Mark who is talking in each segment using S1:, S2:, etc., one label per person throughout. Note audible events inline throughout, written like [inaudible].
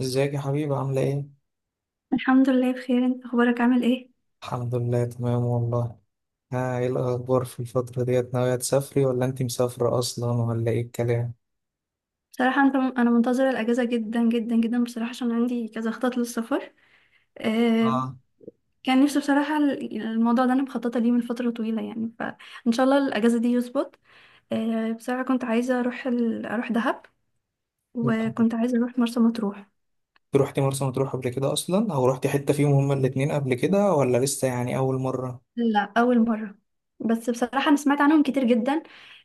S1: ازيك يا حبيبي؟ عاملة ايه؟
S2: الحمد لله بخير. انت اخبارك عامل ايه؟
S1: الحمد لله، تمام والله. ها ايه الأخبار في الفترة ديت؟ ناوية تسافري ولا انت مسافرة أصلا ولا ايه الكلام؟
S2: بصراحه انا منتظره الاجازه جدا جدا جدا بصراحه، عشان عندي كذا خطط للسفر. آه،
S1: اه.
S2: كان نفسي بصراحه الموضوع ده انا مخططه ليه من فتره طويله يعني، فان شاء الله الاجازه دي يظبط. آه، بصراحه كنت عايزه اروح اروح دهب،
S1: انت
S2: وكنت عايزه اروح مرسى مطروح.
S1: روحتي مرسى مطروح قبل كده أصلا، أو روحتي حتة فيهم هما الاتنين قبل كده، ولا لسه يعني أول مرة؟
S2: لا، اول مره. بس بصراحه انا سمعت عنهم كتير جدا.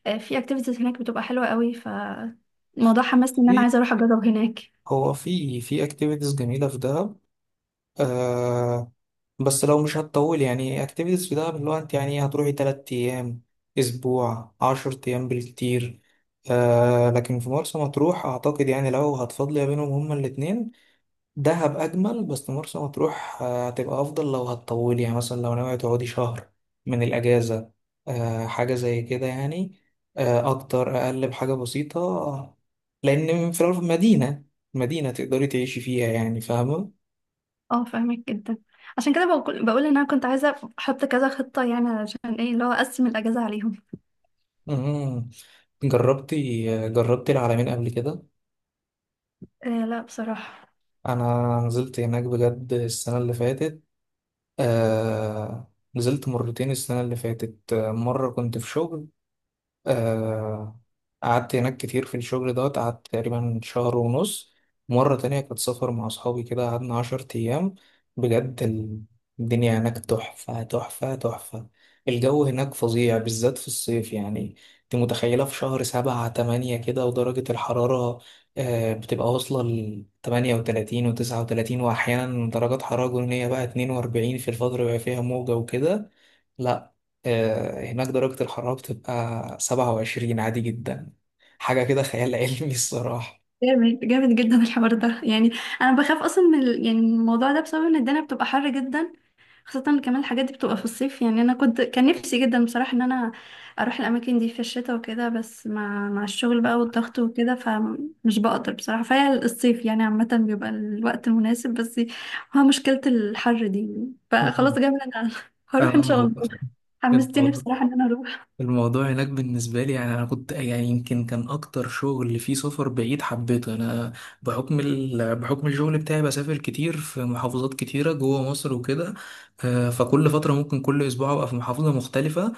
S2: آه، في اكتيفيتيز هناك بتبقى حلوه قوي، فالموضوع حمسني ان انا
S1: إيه؟
S2: عايزه اروح اجرب هناك.
S1: هو في اكتيفيتيز جميلة في دهب. آه، بس لو مش هتطول يعني اكتيفيتيز في دهب، اللي هو انت يعني هتروحي تلات أيام، أسبوع، عشر أيام بالكتير. آه، لكن في مرسى مطروح أعتقد يعني لو هتفضلي بينهم هما الاتنين، دهب أجمل، بس مرسى مطروح آه، هتبقى أفضل لو هتطولي، يعني مثلا لو ناوية تقعدي شهر من الأجازة. آه حاجة زي كده يعني. آه، أكتر أقل بحاجة بسيطة. لأن في الأول مدينة، مدينة تقدري تعيشي فيها يعني، فاهمة.
S2: اه، فاهمك جدا. عشان كده بقول ان انا كنت عايزه احط كذا خطه يعني، عشان ايه اللي هو اقسم الاجازه عليهم.
S1: مم. جربتي العلمين قبل كده؟
S2: آه، لا بصراحه.
S1: انا نزلت هناك بجد السنه اللي فاتت. نزلت مرتين السنه اللي فاتت، آه، مره كنت في شغل. آه، قعدت هناك كتير في الشغل دوت، قعدت تقريبا شهر ونص. مرة تانية كنت سافر مع أصحابي كده، قعدنا عشر أيام. بجد الدنيا هناك تحفة، تحفة، تحفة. الجو هناك فظيع بالذات في الصيف يعني. أنت متخيلة في شهر سبعة تمانية كده ودرجة الحرارة؟ آه، بتبقى واصلة لتمانية وتلاتين وتسعة وتلاتين، وأحيانا درجات حرارة جنونية بقى، اتنين وأربعين في الفترة اللي بيبقى فيها موجة وكده. لا. آه، هناك درجة الحرارة بتبقى 27 عادي جدا. حاجة كده خيال علمي الصراحة.
S2: جامد جامد جدا الحوار ده يعني. انا بخاف اصلا من يعني من الموضوع ده، بسبب ان الدنيا بتبقى حر جدا. خاصة إن كمان الحاجات دي بتبقى في الصيف، يعني انا كان نفسي جدا بصراحة ان انا اروح الاماكن دي في الشتاء وكده. بس مع الشغل بقى والضغط وكده فمش بقدر بصراحة، فهي الصيف يعني عامة بيبقى الوقت المناسب، بس هو مشكلة الحر دي.
S1: مم.
S2: فخلاص جامد، انا [laughs]
S1: أنا
S2: هروح ان شاء الله. حمستني
S1: الموضوع
S2: بصراحة ان انا اروح.
S1: الموضوع هناك بالنسبة لي يعني، أنا كنت يعني، يمكن كان أكتر شغل فيه سفر بعيد حبيته أنا، بحكم بحكم الشغل بتاعي، بسافر كتير في محافظات كتيرة جوه مصر وكده. آه، فكل فترة ممكن كل أسبوع أبقى في محافظة مختلفة.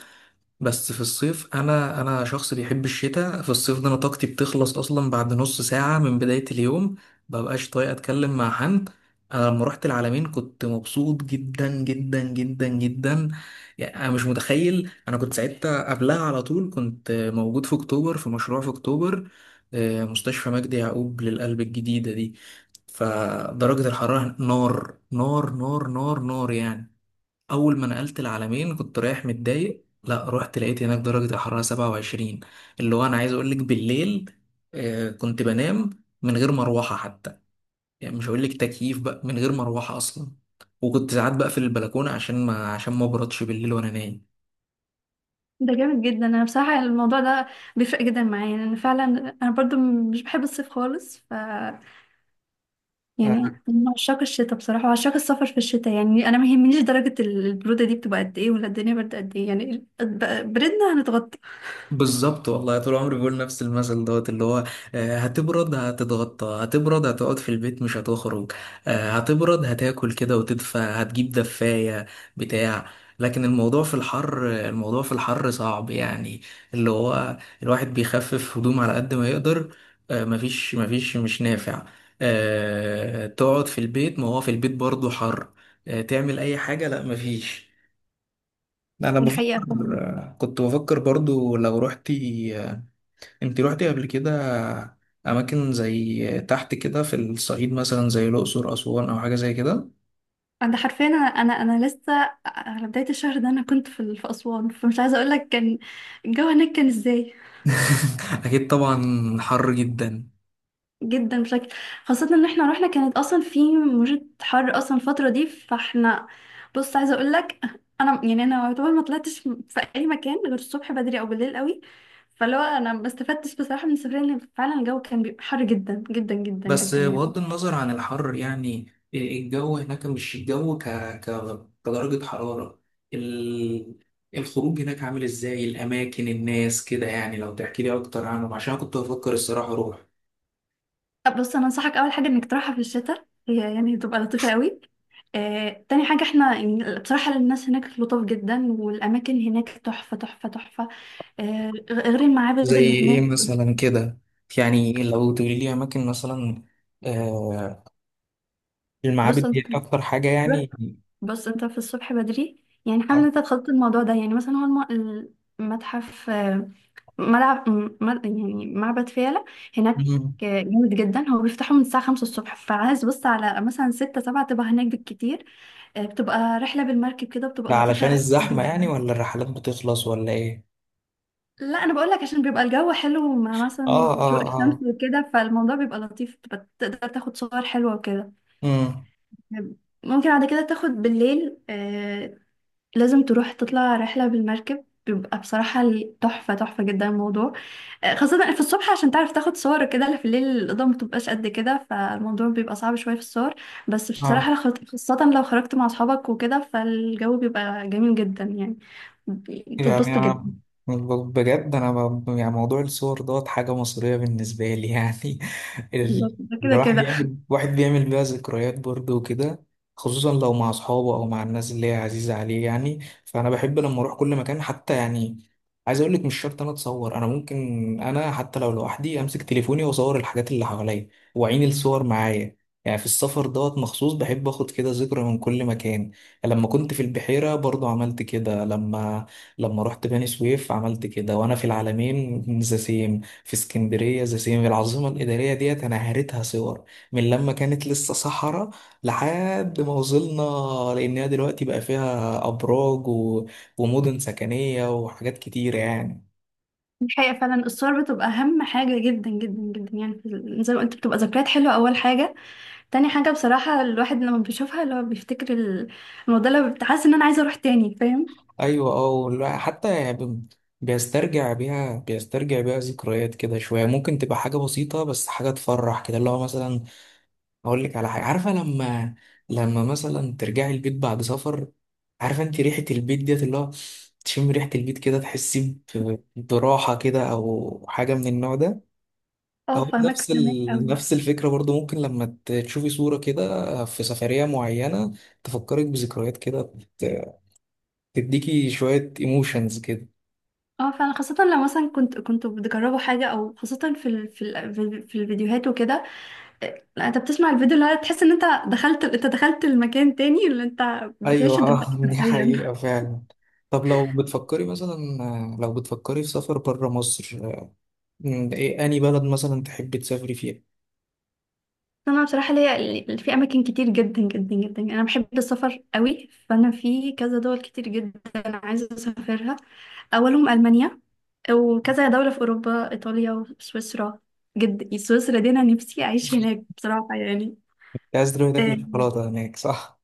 S1: بس في الصيف، انا شخص بيحب الشتاء. في الصيف ده انا طاقتي بتخلص اصلا بعد نص ساعة من بداية اليوم. مببقاش طايق اتكلم مع حد. انا لما رحت العلمين كنت مبسوط جدا جدا جدا جدا. يعني انا مش متخيل، انا كنت ساعتها قبلها على طول كنت موجود في اكتوبر، في مشروع في اكتوبر، آه، مستشفى مجدي يعقوب للقلب الجديدة دي. فدرجة الحرارة نار نار نار نار نار يعني. اول ما نقلت العالمين كنت رايح متضايق، لا رحت لقيت هناك درجة الحرارة 27. اللي هو انا عايز اقول لك، بالليل آه، كنت بنام من غير مروحة حتى. يعني مش هقول لك تكييف بقى، من غير مروحة اصلا. وكنت ساعات بقفل البلكونة عشان ما ابردش بالليل وانا نايم.
S2: ده جامد جدا، انا بصراحة الموضوع ده بيفرق جدا معايا، لان فعلا انا برضو مش بحب الصيف خالص. يعني أنا من عشاق الشتاء بصراحة، وعشاق السفر في الشتاء، يعني أنا ما يهمنيش درجة البرودة دي بتبقى قد إيه ولا الدنيا برد قد إيه، يعني بردنا هنتغطى.
S1: بالظبط والله، طول عمري بقول نفس المثل دوت، اللي هو آه، هتبرد هتتغطى، هتبرد هتقعد في البيت مش هتخرج، آه، هتبرد هتاكل كده وتدفى، هتجيب دفاية بتاع. لكن الموضوع في الحر، الموضوع في الحر صعب يعني، اللي هو الواحد بيخفف هدوم على قد ما يقدر، آه، مفيش مش نافع. آه، تقعد في البيت، ما هو في البيت برضه حر. آه، تعمل أي حاجة، لا مفيش. أنا
S2: دي حقيقة
S1: بفكر،
S2: فعلا.
S1: كنت بفكر برضو لو رحت، انت روحتي قبل كده اماكن زي تحت كده في الصعيد، مثلا زي الاقصر، اسوان، او حاجه زي كده؟
S2: أنا حرفيا، أنا لسه على بداية الشهر ده، أنا كنت في أسوان، فمش عايزة أقول لك كان الجو هناك كان إزاي.
S1: [laughs] اكيد طبعا، حر جدا.
S2: جدا بشكل، خاصة ان احنا رحنا كانت اصلا في موجة حر اصلا الفترة دي، فاحنا، بص عايزة اقول لك، انا يعني انا يعتبر ما طلعتش في اي مكان غير الصبح بدري او بالليل قوي. فلو انا ما استفدتش بصراحة من السفرية، لان فعلا الجو كان بيبقى حر جدا جدا جدا
S1: بس
S2: جدا يعني.
S1: بغض النظر عن الحر يعني، الجو هناك مش الجو ك... كدرجه حراره، ال... الخروج هناك عامل ازاي، الاماكن، الناس كده يعني، لو تحكي لي اكتر عنهم، عشان كنت بفكر الصراحه اروح.
S2: طب بص، انا انصحك اول حاجة انك تروحها في الشتاء، هي يعني تبقى لطيفة قوي. آه، تاني حاجة احنا يعني بصراحة الناس هناك لطاف جدا، والأماكن هناك تحفة تحفة تحفة. آه، غير
S1: زي
S2: المعابد اللي
S1: ايه
S2: هناك.
S1: مثلا كده؟ يعني لو تقولي لي اماكن مثلا، المعابد
S2: بص
S1: دي
S2: أنت،
S1: أكتر حاجة يعني.
S2: بص انت في الصبح بدري يعني، حابب ان انت تخطط الموضوع ده يعني، مثلا هو المتحف، آه، يعني معبد فيلة هناك.
S1: مم.
S2: آه، جامد جدا. هو بيفتحه من الساعة 5 الصبح، فعايز بص على مثلا 6 7 تبقى هناك بالكتير. آه، بتبقى رحلة بالمركب كده، بتبقى
S1: ده علشان
S2: لطيفة
S1: الزحمة يعني،
S2: جدا.
S1: ولا الرحلات بتخلص، ولا إيه؟
S2: لا، انا بقول لك عشان بيبقى الجو حلو مع مثلا
S1: آه
S2: شروق
S1: آه
S2: الشمس
S1: آه.
S2: وكده، فالموضوع بيبقى لطيف، بتبقى تقدر تاخد صور حلوة وكده.
S1: مم.
S2: ممكن بعد كده تاخد بالليل. آه، لازم تروح تطلع رحلة بالمركب، بيبقى بصراحة تحفة تحفة جدا الموضوع. آه، خاصة في الصبح عشان تعرف تاخد صور كده، لا في الليل الإضاءة متبقاش قد كده، فالموضوع بيبقى صعب شوية في الصور. بس بصراحة
S1: آه.
S2: لو خاصة لو خرجت مع أصحابك وكده، فالجو بيبقى جميل جدا يعني،
S1: يعني
S2: بتتبسطوا
S1: أنا
S2: جدا.
S1: ب- بجد أنا يعني، موضوع الصور دوت حاجة مصرية بالنسبة لي يعني. [laughs] يعني
S2: بالظبط، ده كده
S1: الواحد
S2: كده.
S1: بيعمل، واحد بيعمل بيها ذكريات برضه وكده، خصوصا لو مع أصحابه أو مع الناس اللي هي عزيزة عليه يعني. فأنا بحب لما أروح كل مكان حتى يعني، عايز أقول لك مش شرط أنا أتصور، أنا ممكن، أنا حتى لو لوحدي أمسك تليفوني وأصور الحاجات اللي حواليا وأعين الصور معايا. يعني في السفر دوت مخصوص بحب اخد كده ذكرى من كل مكان. لما كنت في البحيرة برضو عملت كده، لما رحت بني سويف عملت كده، وانا في العالمين ذا سيم، في اسكندريه ذا سيم، العاصمه الاداريه ديت انا هريتها صور، من لما كانت لسه صحراء لحد ما وصلنا، لانها دلوقتي بقى فيها ابراج ومدن سكنيه وحاجات كتيره يعني.
S2: الحقيقة فعلا الصور بتبقى أهم حاجة جدا جدا جدا يعني، زي ما قلت بتبقى ذكريات حلوة أول حاجة. تاني حاجة بصراحة الواحد لما بيشوفها، اللي هو بيفتكر الموضوع، اللي بتحس إن أنا عايزة أروح تاني، فاهم؟
S1: ايوه اه، والواحد حتى يعني بيسترجع بيها، بيسترجع بيها ذكريات كده شويه، ممكن تبقى حاجه بسيطه، بس حاجه تفرح كده، اللي هو مثلا اقول لك على حاجه، عارفه لما، مثلا ترجعي البيت بعد سفر، عارفه انت ريحه البيت ديت، اللي هو تشم ريحه البيت كده، تحسي براحه كده او حاجه من النوع ده.
S2: اه،
S1: او
S2: فاهمك
S1: نفس
S2: فاهمك قوي.
S1: نفس الفكره برضو، ممكن لما تشوفي صوره كده في سفريه معينه، تفكرك بذكريات كده، تديكي شويه ايموشنز كده.
S2: اه فعلا، خاصة لو مثلا كنت بتجربوا حاجة، او خاصة في الفيديوهات وكده. لا انت بتسمع الفيديو، اللي هو تحس ان انت انت دخلت المكان تاني، اللي انت
S1: ايوه
S2: بتعيشه
S1: آه،
S2: دلوقتي
S1: [laughs] دي
S2: حرفيا.
S1: حقيقه
S2: [laughs]
S1: فعلا. طب لو بتفكري مثلا، لو بتفكري في سفر بره مصر، مم، إيه أنهي بلد مثلا تحب تسافري فيها؟
S2: انا بصراحة ليا في اماكن كتير جدا جدا جدا يعني، انا بحب السفر قوي، فانا في كذا دول كتير جدا عايزة اسافرها. اولهم المانيا، وكذا دولة في اوروبا، ايطاليا وسويسرا. جد سويسرا دي انا نفسي اعيش هناك بصراحة يعني.
S1: أنت عايز تروحي تاكلي
S2: آه،
S1: شوكولاتة هناك صح؟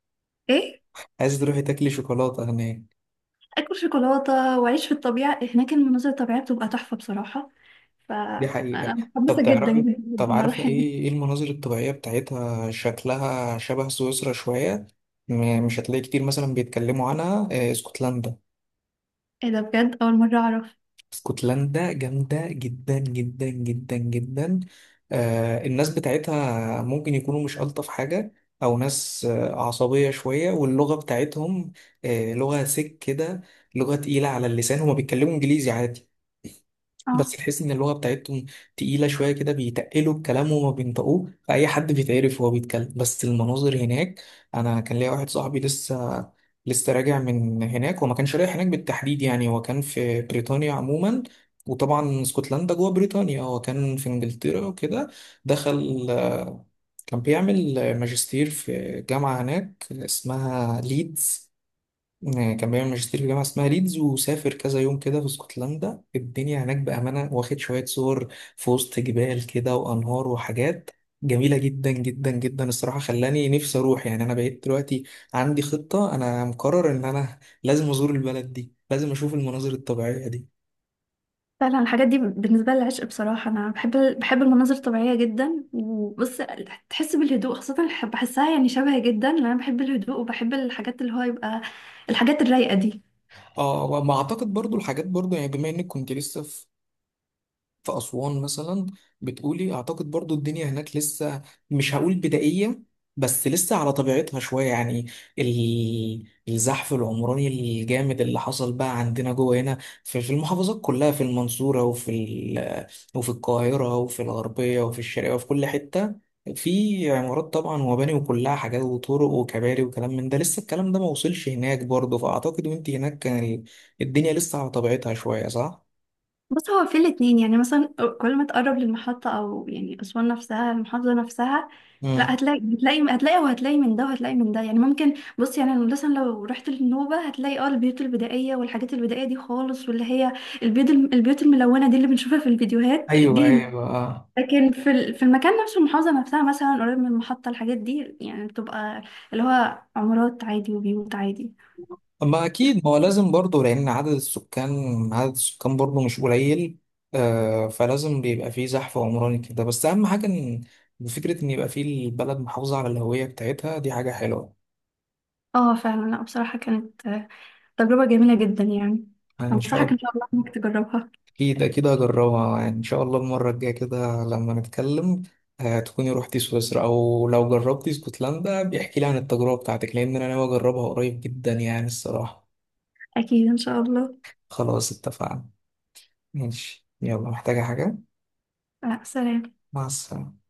S2: ايه،
S1: عايز تروحي تاكلي شوكولاتة هناك.
S2: اكل شوكولاته واعيش في الطبيعه هناك، المناظر الطبيعيه بتبقى تحفه بصراحه،
S1: دي
S2: فانا
S1: حقيقة. طب
S2: متحمسه جدا
S1: تعرفي،
S2: جدا
S1: طب
S2: جدا
S1: عارفة
S2: اروح هناك.
S1: إيه، إيه المناظر الطبيعية بتاعتها شكلها شبه سويسرا شوية، مش هتلاقي كتير مثلا بيتكلموا عنها، آه، اسكتلندا.
S2: ايه ده؟ بجد اول مره اعرف.
S1: اسكتلندا جامدة جدا جدا جدا جدا. آه الناس بتاعتها ممكن يكونوا مش ألطف حاجة، أو ناس آه عصبية شوية، واللغة بتاعتهم آه لغة سك كده، لغة تقيلة على اللسان. هما بيتكلموا إنجليزي عادي،
S2: اه
S1: بس تحس ان اللغه بتاعتهم تقيله شويه كده، بيتقلوا الكلام وما بينطقوه، فاي حد بيتعرف وهو بيتكلم. بس المناظر هناك، انا كان ليا واحد صاحبي لسه راجع من هناك، وما كانش رايح هناك بالتحديد يعني، هو كان في بريطانيا عموما، وطبعا اسكتلندا جوه بريطانيا، هو كان في انجلترا وكده، دخل آه، كان بيعمل ماجستير في جامعه هناك اسمها ليدز، آه، كان بيعمل ماجستير في جامعة اسمها ليدز وسافر كذا يوم كده في اسكتلندا. الدنيا هناك بأمانة، واخد شوية صور في وسط جبال كده وأنهار وحاجات جميلة جدا جدا جدا الصراحة، خلاني نفسي أروح يعني. أنا بقيت دلوقتي عندي خطة، أنا مقرر إن أنا لازم أزور البلد دي، لازم أشوف المناظر الطبيعية دي.
S2: فعلا، الحاجات دي بالنسبه لي عشق بصراحه، انا بحب المناظر الطبيعيه جدا. وبص، تحس بالهدوء، خاصه بحسها يعني شبهي جدا، لان انا بحب الهدوء وبحب الحاجات اللي هو يبقى الحاجات الرايقه دي.
S1: اه وما أعتقد برضو الحاجات برضو يعني، بما إنك كنت لسه في أسوان مثلا، بتقولي. أعتقد برضو الدنيا هناك لسه، مش هقول بدائية، بس لسه على طبيعتها شوية يعني. ال- الزحف العمراني الجامد اللي حصل بقى عندنا جوه هنا، في المحافظات كلها، في المنصورة وفي وفي القاهرة وفي الغربية وفي الشرقية وفي كل حتة، في عمارات طبعا ومباني وكلها حاجات وطرق وكباري وكلام من ده، لسه الكلام ده ما وصلش هناك برضه. فأعتقد وانت هناك كان الدنيا لسه على طبيعتها شوية، صح؟
S2: بص هو في الاتنين يعني، مثلا كل ما تقرب للمحطة أو يعني أسوان نفسها المحافظة نفسها، لا
S1: مم.
S2: هتلاقي هتلاقي هتلاقي وهتلاقي من ده وهتلاقي من ده يعني. ممكن بص يعني أنا مثلا لو رحت للنوبة هتلاقي اه البيوت البدائية والحاجات البدائية دي خالص، واللي هي البيوت الملونة دي اللي بنشوفها في الفيديوهات
S1: ايوه
S2: دي هنا.
S1: ايوه اه.
S2: لكن في المكان نفسه المحافظة نفسها مثلا قريب من المحطة، الحاجات دي يعني بتبقى اللي هو عمارات عادي وبيوت عادي.
S1: اما اكيد، ما هو لازم برضه، لان عدد السكان برضه مش قليل. آه فلازم بيبقى فيه زحف عمراني كده، بس اهم حاجه ان، فكره ان يبقى فيه البلد محافظه على الهويه بتاعتها، دي حاجه حلوه
S2: اه فعلا، لا بصراحة كانت تجربة جميلة جدا يعني.
S1: يعني. ان شاء
S2: أنصحك إن
S1: الله.
S2: شاء الله إنك تجربها.
S1: اكيد اكيد هجربها، يعني ان شاء الله المره الجايه كده لما نتكلم، آه تكوني روحتي سويسرا، او لو جربتي اسكتلندا بيحكي لي عن التجربه بتاعتك، لان انا ناوي اجربها قريب جدا يعني الصراحه.
S2: أكيد إن شاء الله.
S1: خلاص اتفقنا. ماشي، يلا، محتاجه حاجه؟
S2: آه، سلام.
S1: مع السلامة.